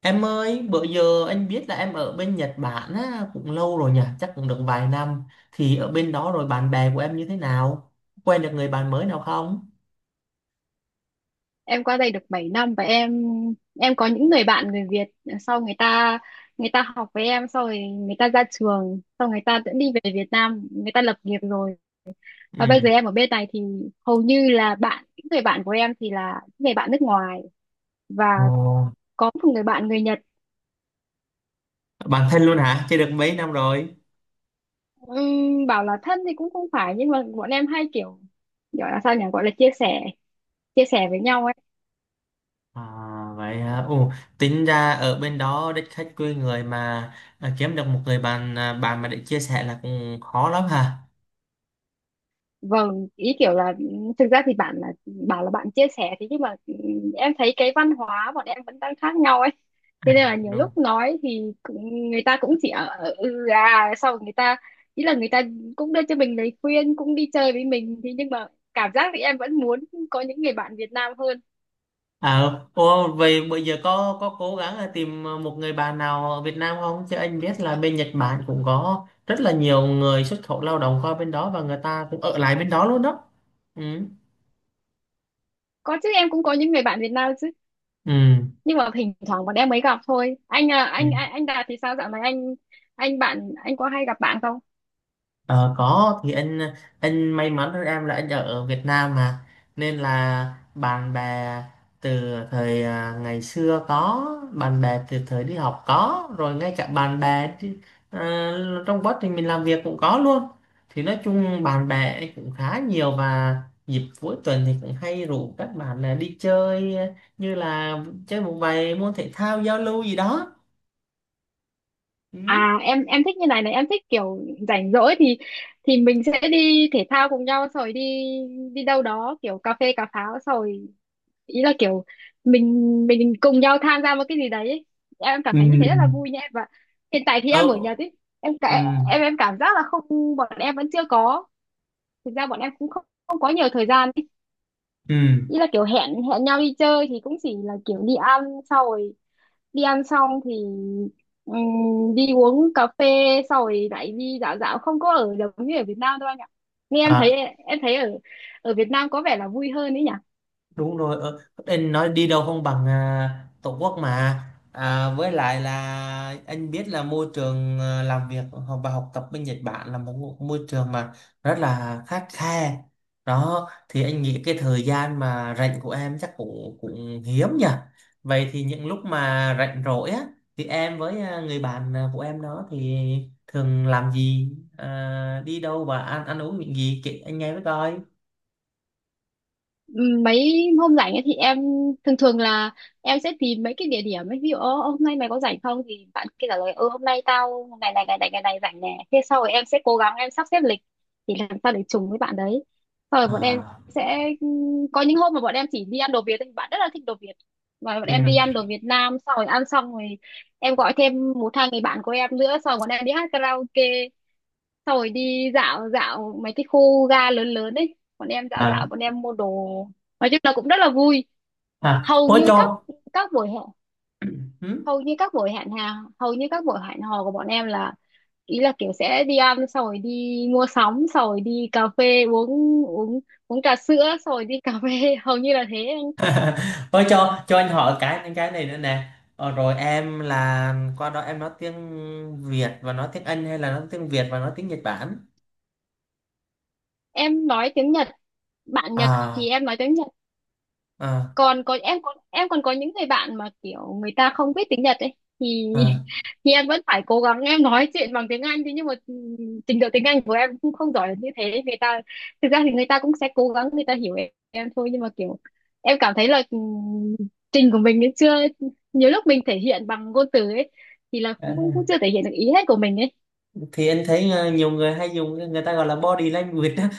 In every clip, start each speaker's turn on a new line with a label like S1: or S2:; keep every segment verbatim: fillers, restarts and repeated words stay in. S1: Em ơi, bữa giờ anh biết là em ở bên Nhật Bản á, cũng lâu rồi nhỉ, chắc cũng được vài năm. Thì ở bên đó rồi bạn bè của em như thế nào? Quen được người bạn mới nào không?
S2: Em qua đây được bảy năm, và em em có những người bạn người Việt. Sau người ta người ta học với em, sau rồi người ta ra trường, sau người ta cũng đi về Việt Nam người ta lập nghiệp rồi. Và bây giờ
S1: Ừ.
S2: em ở bên này thì hầu như là bạn những người bạn của em thì là những người bạn nước ngoài, và
S1: Ồ,
S2: có một người bạn người Nhật.
S1: bạn thân luôn hả? Chơi được mấy năm rồi?
S2: Ừm, bảo là thân thì cũng không phải, nhưng mà bọn em hay kiểu gọi là sao nhỉ, gọi là chia sẻ, chia sẻ với nhau ấy.
S1: À, vậy hả? Ồ, tính ra ở bên đó đất khách quê người mà à, kiếm được một người bạn à, bạn mà để chia sẻ là cũng khó lắm hả?
S2: Vâng, ý kiểu là ừ, thực ra thì bạn là bảo là bạn chia sẻ thì, nhưng mà ừ, em thấy cái văn hóa bọn em vẫn đang khác nhau ấy.
S1: À,
S2: Thế nên là nhiều lúc
S1: đúng.
S2: nói thì cũng- người ta cũng chỉ ở ở- ừ à sau người ta ý là người ta cũng đưa cho mình lời khuyên, cũng đi chơi với mình, thế nhưng mà cảm giác thì em vẫn muốn có những người bạn Việt Nam hơn.
S1: À, ô, vậy bây giờ có có cố gắng là tìm một người bạn nào ở Việt Nam không? Chứ anh biết là bên Nhật Bản cũng có rất là nhiều người xuất khẩu lao động qua bên đó và người ta cũng ở lại bên đó luôn đó. Ừ.
S2: Có chứ, em cũng có những người bạn Việt Nam chứ,
S1: Ừ.
S2: nhưng mà thỉnh thoảng bọn em mới gặp thôi. Anh à,
S1: Ừ.
S2: anh anh, anh Đạt thì sao dạo này anh anh bạn anh có hay gặp bạn không?
S1: Ờ, có thì anh anh may mắn hơn em là anh ở Việt Nam mà, nên là bạn bè từ thời à, ngày xưa có, bạn bè từ thời đi học có rồi, ngay cả bạn bè đi- à, trong quá trình mình làm việc cũng có luôn. Thì nói chung bạn bè anh cũng khá nhiều, và dịp cuối tuần thì cũng hay rủ các bạn là đi chơi, à, như là chơi một vài môn thể thao giao lưu gì đó.
S2: À,
S1: Ừ.
S2: em em thích như này này, em thích kiểu rảnh rỗi thì thì mình sẽ đi thể thao cùng nhau, rồi đi đi đâu đó kiểu cà phê cà pháo, rồi ý là kiểu mình mình cùng nhau tham gia một cái gì đấy. Ấy. Em cảm
S1: Ừ.
S2: thấy như thế rất là vui nha em, và hiện tại thì em ở
S1: Ừ.
S2: nhà thì em cả- em em cảm giác là không, bọn em vẫn chưa có. Thực ra bọn em cũng không không có nhiều thời gian ấy.
S1: Ừ.
S2: Ý là kiểu hẹn hẹn nhau đi chơi thì cũng chỉ là kiểu đi ăn, sau rồi đi ăn xong thì ừm, đi uống cà phê, sau rồi lại đi dạo dạo, không có ở giống như ở Việt Nam đâu anh ạ, nghe em thấy,
S1: Ừ.
S2: em thấy ở ở Việt Nam có vẻ là vui hơn ấy nhỉ.
S1: Đúng rồi. Ở anh nói đi đâu không bằng à, tổ quốc mà. À, với lại là anh biết là môi trường à, làm việc, ờ, học- và học tập bên Nhật Bản là một ngụ- môi trường mà rất là khắt khe đó, thì anh nghĩ cái thời gian mà rảnh của em chắc cũng cũng hiếm nhỉ. Vậy thì những lúc mà rảnh rỗi á, thì em với à, người bạn à, của em đó thì thường làm gì, à, đi đâu và ăn ăn uống những gì, kể anh nghe với coi.
S2: Mấy hôm rảnh ấy thì em thường thường là em sẽ tìm mấy cái địa điểm ấy, ví dụ "Ơ, hôm nay mày có rảnh không?", thì bạn kia trả lời "Ừ, hôm nay tao ngày này ngày này ngày này rảnh nè", thế sau rồi em sẽ cố gắng em sắp xếp lịch thì làm sao để trùng với bạn đấy, sau rồi bọn em
S1: À,
S2: sẽ có những hôm mà bọn em chỉ đi ăn đồ Việt thì bạn rất là thích đồ Việt. Và bọn em đi ăn đồ Việt Nam, sau rồi ăn xong rồi em gọi thêm một hai người bạn của em nữa, sau rồi bọn em đi hát karaoke. Xong rồi đi dạo dạo mấy cái khu ga lớn lớn ấy, bọn em dạo dạo,
S1: ừ.
S2: bọn em mua đồ, nói chung là cũng rất là vui.
S1: À
S2: hầu
S1: ôi
S2: như
S1: cho.
S2: các các buổi hẹn
S1: Hử?
S2: hầu như các buổi hẹn hà Hầu như các buổi hẹn hò của bọn em là ý là kiểu sẽ đi ăn, xong rồi đi mua sắm, xong rồi đi cà phê uống, uống uống trà sữa, xong rồi đi cà phê. Hầu như là thế anh.
S1: Ôi cho, cho anh hỏi cái cái này nữa nè. Ờ, rồi em là qua đó em nói tiếng Việt và nói tiếng Anh hay là nói tiếng Việt và nói tiếng Nhật Bản?
S2: Em nói tiếng Nhật, bạn Nhật thì
S1: À,
S2: em nói tiếng Nhật.
S1: à,
S2: Còn có em còn Em còn có những người bạn mà kiểu người ta không biết tiếng Nhật ấy, thì
S1: à.
S2: thì em vẫn phải cố gắng em nói chuyện bằng tiếng Anh, thế nhưng mà ừm, trình độ tiếng Anh của em cũng không giỏi là như thế người ta. Thực ra thì người ta cũng sẽ cố gắng người ta hiểu em, em thôi, nhưng mà kiểu em cảm thấy là ừm, trình của mình ấy chưa, nhiều lúc mình thể hiện bằng ngôn từ ấy thì là
S1: À,
S2: cũng cũng cũng chưa thể hiện được ý hết của mình ấy.
S1: thì anh thấy ờ, nhiều người hay dùng người ta gọi là body language á.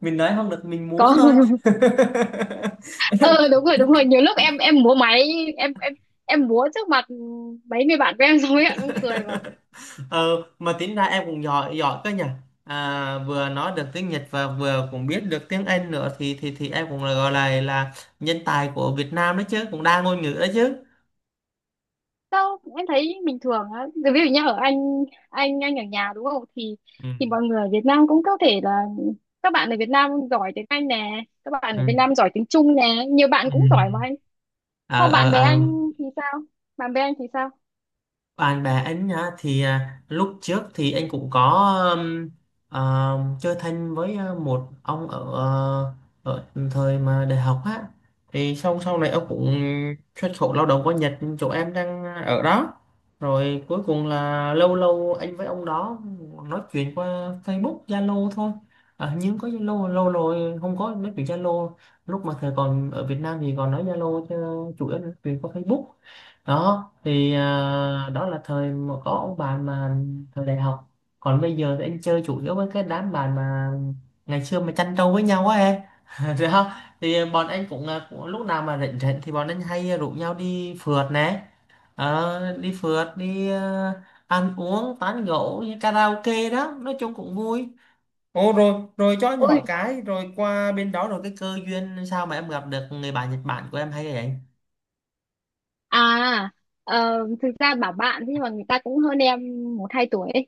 S1: Mình nói không được mình múa
S2: Có.
S1: thôi.
S2: ờ Đúng rồi, đúng rồi, nhiều lúc em em múa máy, em em em múa trước mặt ừ, mấy người bạn của em xong ấy, em cũng cười mà.
S1: Ờ, mà tính ra em cũng giỏi giỏi cơ nhỉ, à, vừa nói được tiếng Nhật và vừa cũng biết được tiếng Anh nữa, thì thì thì em cũng là gọi là là nhân tài của Việt Nam đấy chứ, cũng đa ngôn ngữ đấy chứ.
S2: Sao em thấy bình thường á. Rồi ví dụ như ở Anh, Anh, Anh ở nhà đúng không? Thì
S1: Ừ.
S2: thì mọi người ở Việt Nam cũng có thể là các bạn ở Việt Nam giỏi tiếng Anh nè, các bạn ở Việt
S1: Ừ.
S2: Nam giỏi tiếng Trung nè, nhiều bạn
S1: Ừ.
S2: cũng giỏi mà anh.
S1: ờ
S2: Không,
S1: ờ
S2: bạn bè
S1: ờ.
S2: anh thì sao? Bạn bè anh thì sao?
S1: Bạn bè anh á, thì à, lúc trước thì anh cũng có, um, ờ, chơi thân với à, một ông ở ờ, ở thời mà đại học á, thì sau sau này ông cũng xuất khẩu lao động qua Nhật chỗ em đang ở đó. Rồi cuối cùng là lâu lâu anh với ông đó nói chuyện qua Facebook Zalo thôi. Ờ, nhưng có Zalo lâu rồi không có nói chuyện Zalo, lúc mà thời còn ở Việt Nam thì còn nói Zalo chứ, chủ yếu là nói chuyện qua Facebook đó. Thì à, đó là thời mà có ông bạn mà thời đại học. Còn bây giờ thì anh chơi chủ yếu với cái đám bạn mà ngày xưa mà chăn trâu với nhau á em. Rồi không, thì bọn anh cũng, à, cũng lúc nào mà rảnh rảnh thì bọn anh hay rủ nhau đi phượt nè. Ờ, đi phượt đi, à, ăn uống tán gẫu như karaoke đó, nói chung cũng vui. Ồ rồi, rồi cho anh
S2: Ôi,
S1: hỏi cái, rồi qua bên đó rồi cái cơ duyên sao mà em gặp được người bạn Nhật Bản của em hay vậy?
S2: à, ờ, thực ra bảo bạn thế nhưng mà người ta cũng hơn em một hai tuổi ấy.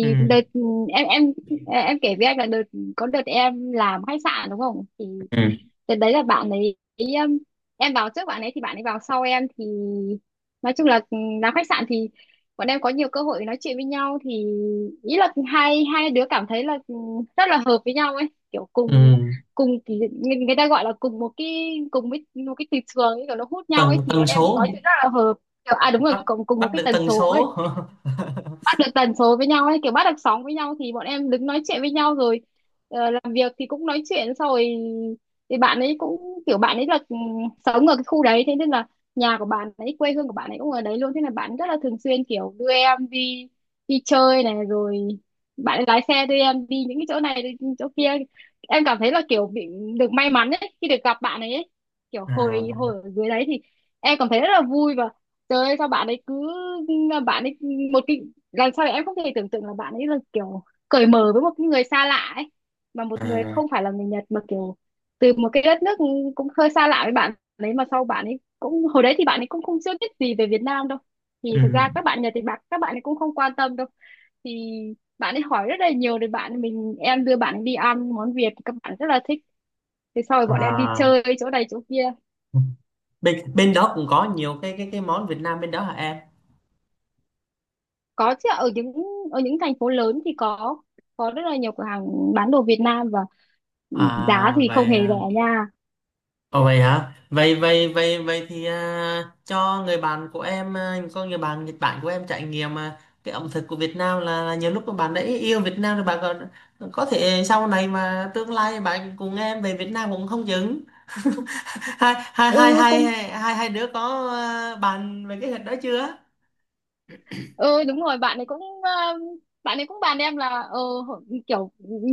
S1: Ừ.
S2: đợt em em em kể với anh là đợt có đợt em làm khách sạn đúng không? Thì
S1: Ừ.
S2: đợt đấy là bạn ấy ý, um, em vào trước bạn ấy thì bạn ấy vào sau em, thì nói chung là ừm, làm khách sạn thì bọn em có nhiều cơ hội nói chuyện với nhau, thì ý là hai hai đứa cảm thấy là ừm, rất là hợp với nhau ấy, kiểu cùng
S1: Ừ.
S2: cùng thì người, người ta gọi là cùng một cái cùng với một cái từ trường ấy, kiểu nó hút nhau ấy,
S1: Tần
S2: thì
S1: tần
S2: bọn em
S1: số.
S2: nói chuyện rất là hợp. Kiểu, à đúng rồi,
S1: bắt
S2: cùng cùng một
S1: bắt
S2: cái
S1: được
S2: tần
S1: tần
S2: số ấy.
S1: số.
S2: Bắt được tần số với nhau ấy, kiểu bắt được sóng với nhau, thì bọn em đứng nói chuyện với nhau rồi, ờ, làm việc thì cũng nói chuyện xong rồi thì bạn ấy cũng kiểu bạn ấy là ừ, sống ở cái khu đấy, thế nên là nhà của bạn ấy, quê hương của bạn ấy cũng ở đấy luôn, thế là bạn rất là thường xuyên kiểu đưa em đi đi chơi này, rồi bạn ấy lái xe đưa em đi những cái chỗ này, đi chỗ kia. Em cảm thấy là kiểu bị được may mắn ấy khi được gặp bạn ấy, ấy. Kiểu
S1: À,
S2: hồi hồi ở dưới đấy thì em cảm thấy rất là vui, và trời ơi, sao bạn ấy cứ, bạn ấy một cái, làm sao để em không thể tưởng tượng là bạn ấy là kiểu cởi mở với một cái người xa lạ ấy, mà một người
S1: à,
S2: không phải là người Nhật, mà kiểu từ một cái đất nước cũng hơi xa lạ với bạn đấy, mà sau bạn ấy cũng, hồi đấy thì bạn ấy cũng không chưa biết gì về Việt Nam đâu, thì thực
S1: ừ,
S2: ra các bạn Nhật thì bạn các bạn ấy cũng không quan tâm đâu, thì bạn ấy hỏi rất là nhiều, thì bạn mình em đưa bạn ấy đi ăn món Việt, các bạn rất là thích, thế sau rồi bọn em đi
S1: à,
S2: chơi chỗ này chỗ kia.
S1: bên bên đó cũng có nhiều cái cái cái món Việt Nam bên đó hả em?
S2: Có chứ, ở những ở những thành phố lớn thì có có rất là nhiều cửa hàng bán đồ Việt Nam, và giá
S1: À
S2: thì không
S1: vậy.
S2: hề rẻ nha.
S1: Ồ vậy hả? Vậy vậy vậy vậy thì à, cho người bạn của em, à, có người bạn Nhật Bản của em trải nghiệm à, cái ẩm thực của Việt Nam, là, là nhiều lúc mà bạn đã yêu Việt Nam rồi, bạn còn có thể sau này mà tương lai bạn cùng em về Việt Nam cũng không chừng. Hai hai hai
S2: Ừ
S1: hai
S2: cũng,
S1: hai hai đứa có à, bàn về cái hình đó chưa?
S2: ừ đúng rồi, bạn ấy cũng ờ, bạn ấy cũng bàn em là ờ, hổ- kiểu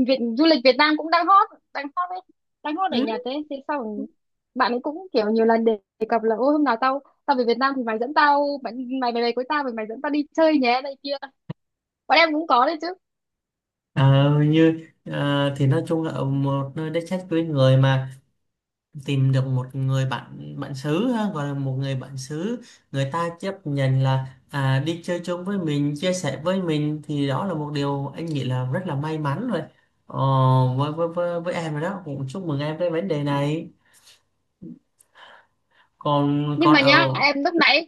S2: Việt, du lịch Việt Nam cũng đang hot, đang hot đấy, đang hot
S1: Ừ.
S2: ở Nhật đấy, thế sau rồi bạn ấy cũng kiểu nhiều lần đề đề cập là ô hôm nào tao tao về Việt Nam thì mày dẫn tao, mày mày về đây với tao, mày mày dẫn tao đi chơi nhé này kia, bọn em cũng có đấy chứ.
S1: Ờ, như ờ, thì nói chung là ở một nơi đất khách quê người mà tìm được một người bạn, bạn xứ ha gọi là một người bạn xứ, người ta chấp nhận là à, đi chơi chung với mình, chia sẻ với mình, thì đó là một điều anh nghĩ là rất là may mắn rồi. Ờ, với, với với với em rồi đó, cũng chúc mừng em với vấn đề này. Còn
S2: Nhưng
S1: còn
S2: mà
S1: ở
S2: nhá em, lúc nãy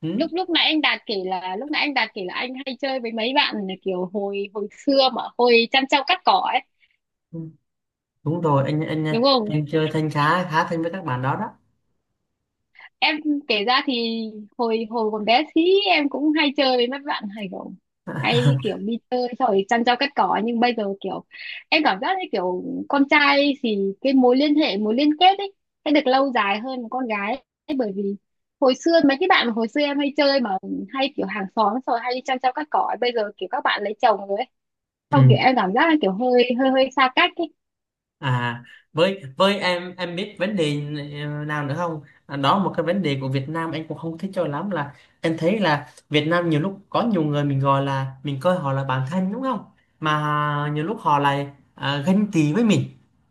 S1: Ừ,
S2: lúc lúc nãy anh Đạt kể là lúc nãy anh Đạt kể là anh hay chơi với mấy bạn, là kiểu hồi hồi xưa mà hồi chăn trâu cắt cỏ ấy,
S1: đúng rồi. Anh anh
S2: đúng không?
S1: anh chơi thân khá khá thân với các bạn đó đó.
S2: Em kể ra thì hồi hồi còn bé xí em cũng hay chơi với mấy bạn, hay kiểu hay kiểu đi chơi xong rồi chăn trâu cắt cỏ, nhưng bây giờ kiểu em cảm giác như kiểu con trai thì cái mối liên hệ, mối liên kết ấy sẽ được lâu dài hơn một con gái ấy, bởi vì hồi xưa mấy cái bạn mà hồi xưa em hay chơi mà hay kiểu hàng xóm xong rồi hay đi chăn trâu cắt cỏ ấy, bây giờ kiểu các bạn lấy chồng rồi ấy,
S1: Ừ.
S2: xong kiểu em cảm giác là kiểu hơi hơi hơi xa cách ấy.
S1: À, với với em em biết vấn đề ờ, nào nữa không? À, đó một cái vấn đề của Việt Nam anh cũng không thích cho lắm là, em thấy là Việt Nam nhiều lúc có nhiều người mình gọi là mình coi họ là bạn thân đúng không? Mà nhiều lúc họ lại à, ganh tị với mình.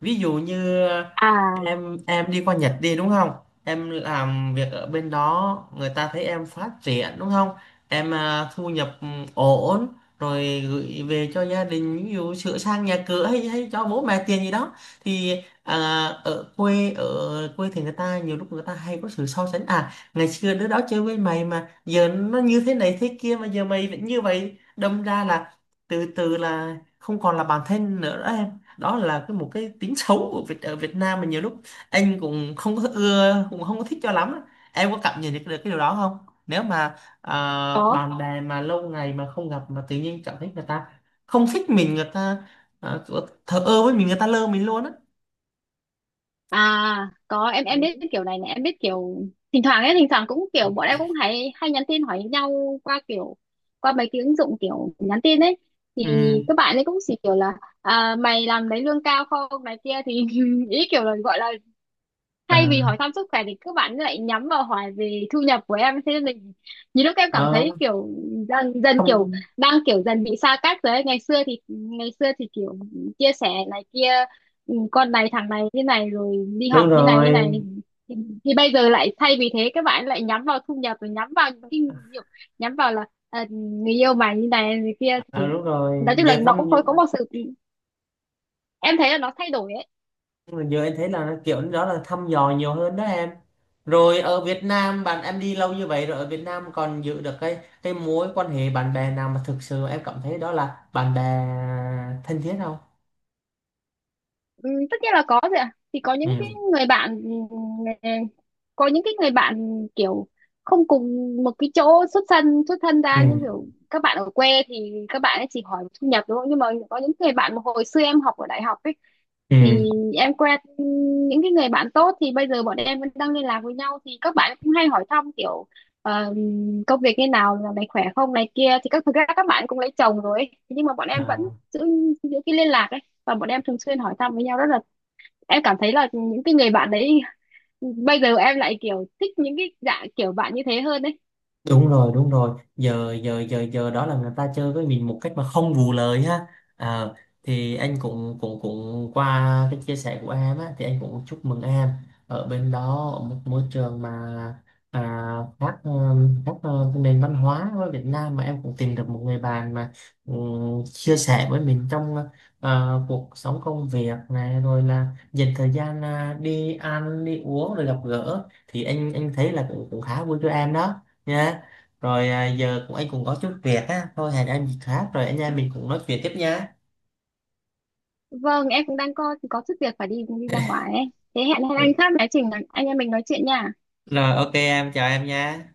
S1: Ví dụ như à,
S2: À
S1: em em đi qua Nhật đi đúng không? Em làm việc ở bên đó người ta thấy em phát triển đúng không? Em à, thu nhập ừ, ổn, rồi gửi về cho gia đình, ví dụ sửa sang nhà cửa hay hay cho bố mẹ tiền gì đó. Thì à, ở quê, ở quê thì người ta nhiều lúc người ta hay có sự so sánh: à ngày xưa đứa đó chơi với mày mà giờ nó như thế này thế kia mà giờ mày vẫn như vậy, đâm ra là từ từ là không còn là bản thân nữa đó em. Đó là cái một cái tính xấu của Việt ở Việt Nam mà nhiều lúc anh cũng không có ưa cũng không có thích cho lắm á. Em có cảm nhận được, được cái điều đó không, nếu mà à, bạn bè mà lâu ngày mà không gặp mà tự nhiên cảm thấy người ta không thích mình, người ta à, thờ ơ với mình, người ta lơ mình luôn á?
S2: À có, em em biết kiểu này này, em biết kiểu thỉnh thoảng ấy, thỉnh thoảng cũng kiểu bọn em cũng hay hay nhắn tin hỏi nhau qua kiểu qua mấy cái ứng dụng kiểu nhắn tin ấy, thì các
S1: Ừ.
S2: bạn ấy cũng chỉ kiểu là à, mày làm lấy lương cao không này kia thì ý kiểu là gọi là thay vì
S1: À,
S2: hỏi thăm sức khỏe thì các bạn lại nhắm vào hỏi về thu nhập của em, thế nên mình nhiều lúc em cảm
S1: ờ,
S2: thấy kiểu dần dần, kiểu
S1: không.
S2: đang kiểu dần bị xa cách rồi ấy. Ngày xưa thì ngày xưa thì kiểu chia sẻ này kia, ừ, con này thằng này như này rồi đi học
S1: Đúng
S2: như này như
S1: rồi.
S2: này thì, thì bây giờ lại thay vì thế các bạn lại nhắm vào thu nhập, rồi nhắm vào những cái kiểu, nhắm vào là à, người yêu mày như này như kia, thì
S1: à, đúng rồi
S2: nói chung là
S1: giờ
S2: nó
S1: thăm
S2: cũng có có một sự, em thấy là nó thay đổi ấy.
S1: Giờ em thấy là kiểu đó là thăm dò nhiều hơn đó em. Rồi ở Việt Nam, bạn em đi lâu như vậy rồi, ở Việt Nam còn giữ được cái cái mối quan hệ bạn bè nào mà thực sự em cảm thấy đó là bạn bè thân thiết không?
S2: Ừ, tất nhiên là có rồi ạ, thì có những cái
S1: Ừ.
S2: người bạn ừ, có những cái người bạn kiểu không cùng một cái chỗ xuất thân, xuất thân
S1: Ừ.
S2: ra như kiểu các bạn ở quê thì các bạn ấy chỉ hỏi thu nhập đúng không, nhưng mà có những người bạn mà hồi xưa em học ở đại học ấy,
S1: Ừ.
S2: thì em quen những cái người bạn tốt, thì bây giờ bọn em vẫn đang liên lạc với nhau, thì các bạn cũng hay hỏi thăm kiểu ờ, công việc như nào, là mày khỏe không này kia, thì các thực ra các bạn cũng lấy chồng rồi ấy. Nhưng mà bọn em vẫn
S1: À.
S2: giữ giữ cái liên lạc ấy, và bọn em thường xuyên hỏi thăm với nhau, rất là em cảm thấy là những cái người bạn đấy, bây giờ em lại kiểu thích những cái dạng kiểu bạn như thế hơn đấy.
S1: Đúng rồi, đúng rồi. Giờ giờ giờ giờ Đó là người ta chơi với mình một cách mà không vù lời ha. Ờ, thì anh cũng cũng cũng qua cái chia sẻ của em á, thì anh cũng chúc mừng em ở bên đó, ở một môi trường mà à, khác ờ, khác ờ, nền văn hóa với Việt Nam mà em cũng tìm được một người bạn mà ừm, chia sẻ với mình trong ờ, cuộc sống công việc này, rồi là dành thời gian à, đi ăn đi uống rồi gặp gỡ, thì anh anh thấy là cũng cũng khá vui cho em đó nha. Rồi à, giờ cũng anh cũng có chút việc á, thôi hẹn em dịp khác rồi anh em mình cũng nói chuyện tiếp nha.
S2: Vâng, em cũng đang có có chút việc phải đi đi ra ngoài ấy. Thế hẹn hẹn
S1: Ừ,
S2: anh khác nói chuyện, anh em mình nói chuyện nha.
S1: rồi ok em chào em nha.